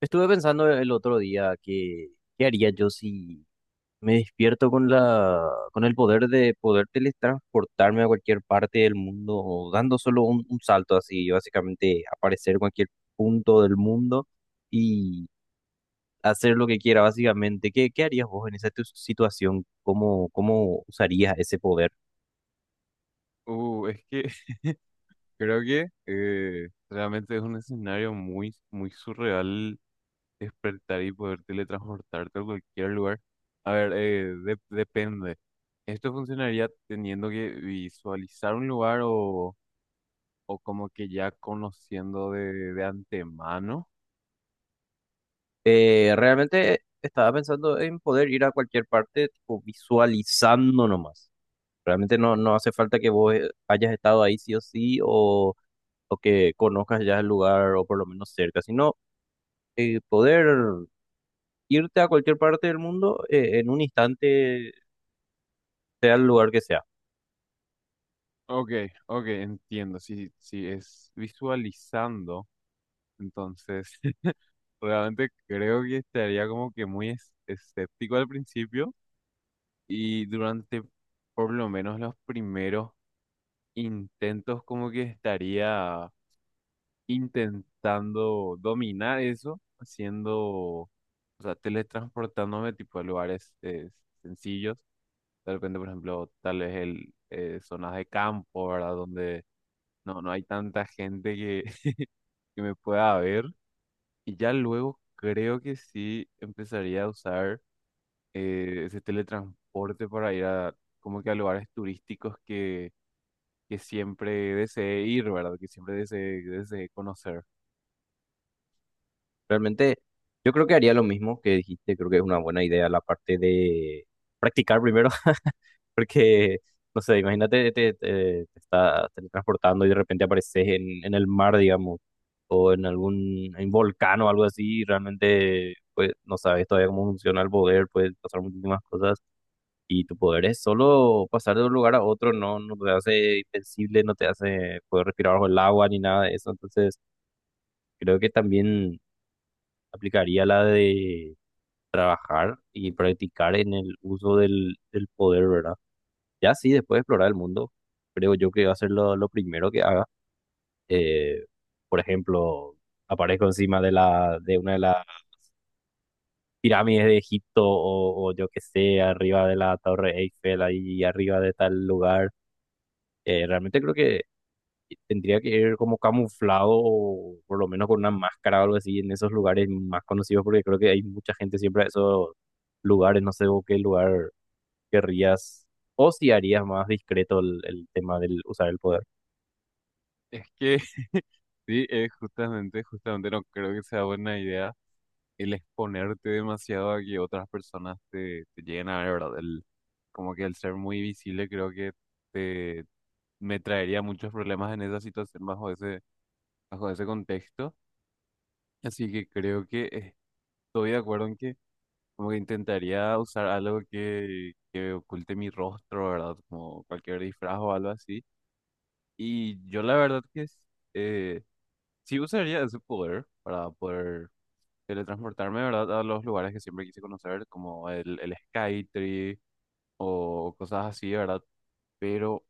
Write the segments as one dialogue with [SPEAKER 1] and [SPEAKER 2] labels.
[SPEAKER 1] Estuve pensando el otro día que qué haría yo si me despierto con la con el poder de poder teletransportarme a cualquier parte del mundo, dando solo un salto así, básicamente aparecer en cualquier punto del mundo y hacer lo que quiera, básicamente. ¿Qué harías vos en esa situación? ¿Cómo usarías ese poder?
[SPEAKER 2] Es que creo que realmente es un escenario muy, muy surreal despertar y poder teletransportarte a cualquier lugar. A ver, depende. ¿Esto funcionaría teniendo que visualizar un lugar o como que ya conociendo de antemano?
[SPEAKER 1] Realmente estaba pensando en poder ir a cualquier parte, tipo, visualizando nomás. Realmente no hace falta que vos hayas estado ahí sí o sí o que conozcas ya el lugar o por lo menos cerca, sino poder irte a cualquier parte del mundo en un instante, sea el lugar que sea.
[SPEAKER 2] Ok, ok, entiendo. Si, si es visualizando, entonces realmente creo que estaría como que muy escéptico al principio. Y durante por lo menos los primeros intentos, como que estaría intentando dominar eso, haciendo, o sea, teletransportándome tipo a lugares sencillos. De repente, por ejemplo, tal vez zonas de campo, ¿verdad? Donde no, no hay tanta gente que, que me pueda ver. Y ya luego creo que sí empezaría a usar ese teletransporte para ir a como que a lugares turísticos que siempre deseé ir, ¿verdad? Que siempre deseé conocer.
[SPEAKER 1] Realmente yo creo que haría lo mismo que dijiste, creo que es una buena idea la parte de practicar primero. Porque, no sé, imagínate, te estás teletransportando y de repente apareces en el mar, digamos, o en algún en volcán o algo así, y realmente, pues, no sabes todavía cómo funciona el poder, puedes pasar muchísimas cosas, y tu poder es solo pasar de un lugar a otro, no te hace invencible, no te hace poder respirar bajo el agua ni nada de eso, entonces creo que también aplicaría la de trabajar y practicar en el uso del poder, ¿verdad? Ya sí, después de explorar el mundo, creo yo que va a ser lo primero que haga. Eh, por ejemplo, aparezco encima de de una de las pirámides de Egipto o yo qué sé, arriba de la Torre Eiffel, ahí arriba de tal lugar. Realmente creo que tendría que ir como camuflado o por lo menos con una máscara o algo así en esos lugares más conocidos porque creo que hay mucha gente siempre a esos lugares, no sé vos qué lugar querrías o si harías más discreto el tema del usar el poder.
[SPEAKER 2] Es que sí, justamente, justamente no creo que sea buena idea el exponerte demasiado a que otras personas te lleguen a ver, ¿verdad? El, como que el ser muy visible creo que te, me traería muchos problemas en esa situación bajo bajo ese contexto. Así que creo que estoy de acuerdo en que como que intentaría usar algo que oculte mi rostro, ¿verdad? Como cualquier disfraz o algo así. Y yo la verdad que es, eh, sí usaría ese poder para poder teletransportarme, ¿verdad? A los lugares que siempre quise conocer, como el Skytree o cosas así, ¿verdad? Pero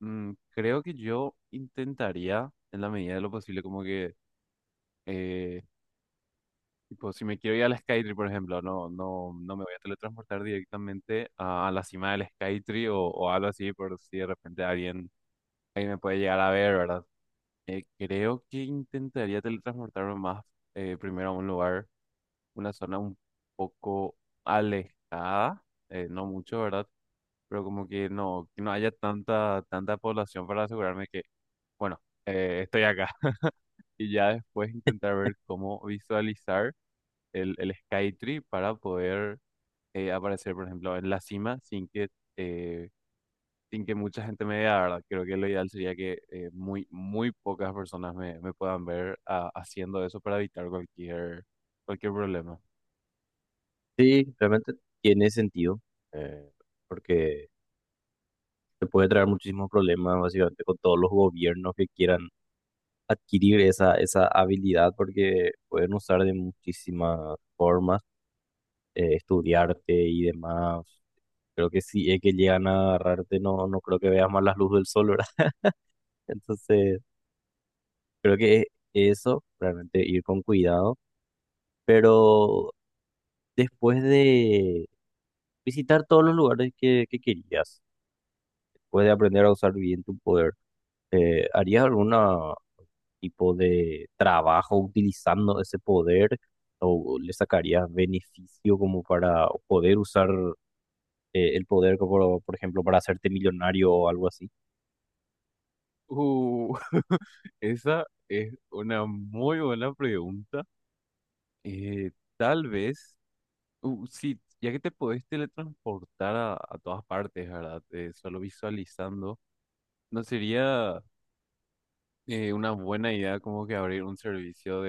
[SPEAKER 2] creo que yo intentaría, en la medida de lo posible, como que, eh, tipo, si me quiero ir al Skytree, por ejemplo, no me voy a teletransportar directamente a la cima del Skytree o algo así, por si de repente alguien me puede llegar a ver, ¿verdad? Creo que intentaría teletransportarme más primero a un lugar, una zona un poco alejada, no mucho, ¿verdad? Pero como que no haya tanta, tanta población para asegurarme que, bueno, estoy acá. Y ya después intentar ver cómo visualizar el Skytree para poder aparecer, por ejemplo, en la cima sin que eh, sin que mucha gente me vea, ¿verdad? Creo que lo ideal sería que muy, muy pocas personas me puedan ver ah, haciendo eso para evitar cualquier, cualquier problema.
[SPEAKER 1] Sí, realmente tiene sentido, eh, porque te puede traer muchísimos problemas básicamente con todos los gobiernos que quieran adquirir esa habilidad, porque pueden usar de muchísimas formas, estudiarte y demás. Creo que si es que llegan a agarrarte, no creo que veas más la luz del sol, ¿verdad? Entonces, creo que eso, realmente ir con cuidado, pero después de visitar todos los lugares que querías, puedes aprender a usar bien tu poder. ¿Harías algún tipo de trabajo utilizando ese poder o le sacarías beneficio como para poder usar el poder, como, por ejemplo, para hacerte millonario o algo así?
[SPEAKER 2] Uh, esa es una muy buena pregunta. Eh, tal vez, sí, ya que te podés teletransportar a todas partes, ¿verdad? Solo visualizando, ¿no sería una buena idea como que abrir un servicio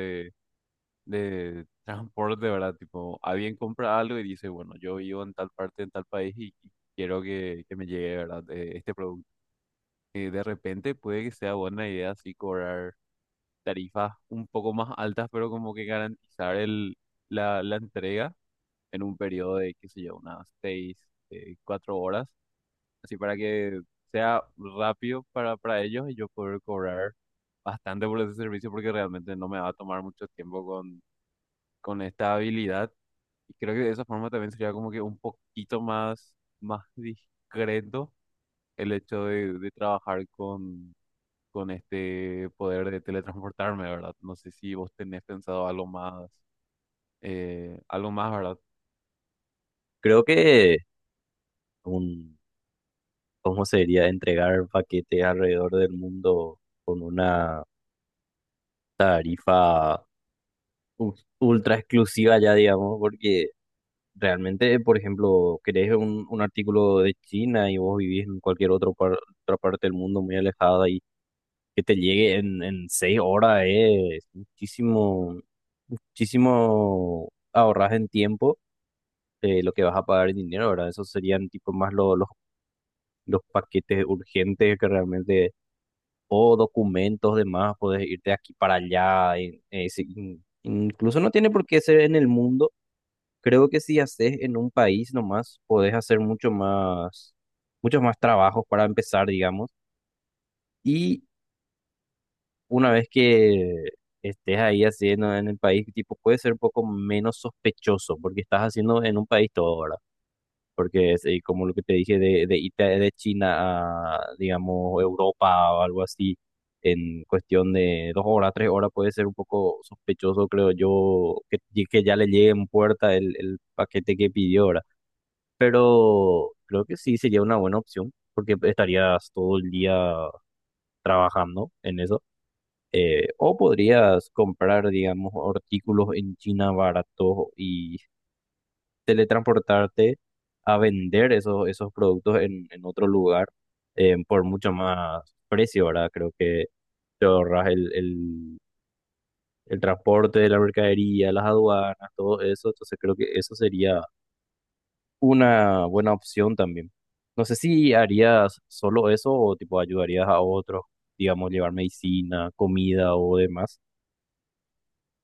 [SPEAKER 2] de transporte, ¿verdad? Tipo, alguien compra algo y dice, bueno, yo vivo en tal parte, en tal país y quiero que me llegue, ¿verdad? Este producto. De repente puede que sea buena idea así cobrar tarifas un poco más altas, pero como que garantizar la entrega en un periodo de, qué sé yo, unas 4 horas, así para que sea rápido para ellos y yo poder cobrar bastante por ese servicio porque realmente no me va a tomar mucho tiempo con esta habilidad. Y creo que de esa forma también sería como que un poquito más, más discreto el hecho de trabajar con este poder de teletransportarme, ¿verdad? No sé si vos tenés pensado algo más, ¿verdad?
[SPEAKER 1] Creo que un, ¿cómo sería entregar paquetes alrededor del mundo con una tarifa u- ultra exclusiva ya, digamos, porque... Realmente, por ejemplo, querés un artículo de China y vos vivís en cualquier otro otra parte del mundo muy alejada y que te llegue en 6 horas es muchísimo, muchísimo ahorras en tiempo lo que vas a pagar en dinero, ¿verdad? Esos serían tipo más los paquetes urgentes que realmente, o documentos demás, puedes irte de aquí para allá. Incluso no tiene por qué ser en el mundo. Creo que si haces en un país nomás, podés hacer mucho más, muchos más trabajos para empezar, digamos. Y una vez que estés ahí haciendo en el país, tipo, puede ser un poco menos sospechoso porque estás haciendo en un país todo, ¿verdad? Porque es como lo que te dije de irte de China a, digamos, Europa o algo así, en cuestión de 2 horas, 3 horas, puede ser un poco sospechoso, creo yo, que ya le llegue en puerta el paquete que pidió, ¿verdad? Pero creo que sí sería una buena opción porque estarías todo el día trabajando en eso. O podrías comprar, digamos, artículos en China baratos y teletransportarte a vender esos productos en otro lugar por mucho más precio, ¿verdad? Creo que te ahorras el transporte de la mercadería, las aduanas, todo eso. Entonces creo que eso sería una buena opción también. No sé si harías solo eso o tipo ayudarías a otros, digamos, llevar medicina, comida o demás.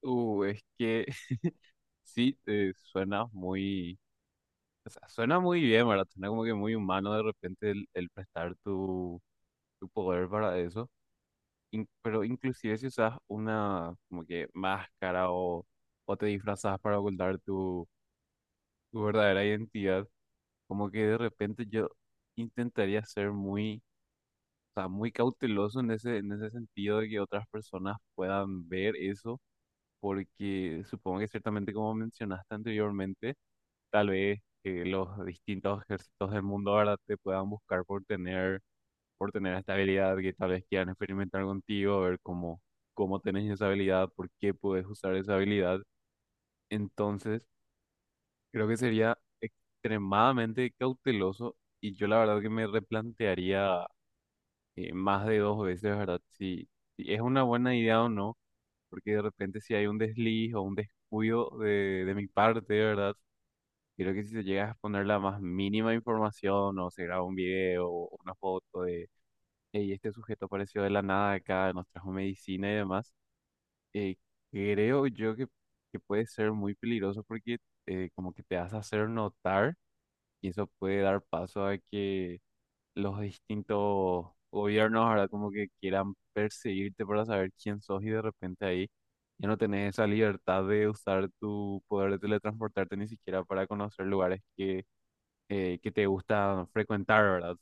[SPEAKER 2] Es que sí, suena muy, o sea, suena muy bien, ¿verdad? Suena como que muy humano de repente el prestar tu, tu poder para eso. Pero inclusive si usas una como que máscara o te disfrazas para ocultar tu, tu verdadera identidad, como que de repente yo intentaría ser muy, o sea, muy cauteloso en ese sentido de que otras personas puedan ver eso, porque supongo que ciertamente como mencionaste anteriormente, tal vez los distintos ejércitos del mundo ahora te puedan buscar por tener esta habilidad que tal vez quieran experimentar contigo, a ver cómo, cómo tenés esa habilidad, por qué puedes usar esa habilidad. Entonces, creo que sería extremadamente cauteloso y yo la verdad que me replantearía más de 2 veces, ¿verdad? Si, si es una buena idea o no, porque de repente si hay un desliz o un descuido de mi parte, ¿verdad? Creo que si se llega a exponer la más mínima información o se graba un video o una foto de. Y este sujeto apareció de la nada acá, nos trajo medicina y demás. Eh, creo yo que puede ser muy peligroso porque como que te hace hacer notar y eso puede dar paso a que los distintos gobiernos ahora como que quieran perseguirte para saber quién sos y de repente ahí ya no tenés esa libertad de usar tu poder de teletransportarte ni siquiera para conocer lugares que te gusta frecuentar, ¿verdad?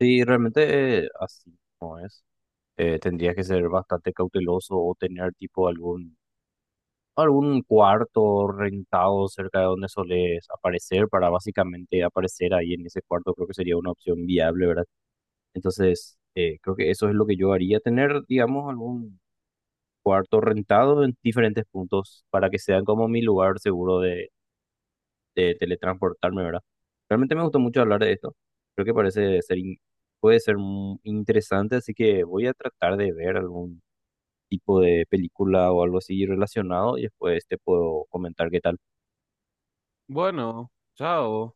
[SPEAKER 1] Sí, realmente así no es. Tendrías que ser bastante cauteloso o tener tipo algún cuarto rentado cerca de donde soles aparecer para básicamente aparecer ahí en ese cuarto. Creo que sería una opción viable, ¿verdad? Entonces, creo que eso es lo que yo haría, tener, digamos, algún cuarto rentado en diferentes puntos para que sean como mi lugar seguro de teletransportarme, ¿verdad? Realmente me gustó mucho hablar de esto. Creo que parece ser, puede ser interesante, así que voy a tratar de ver algún tipo de película o algo así relacionado y después te puedo comentar qué tal.
[SPEAKER 2] Bueno, chao.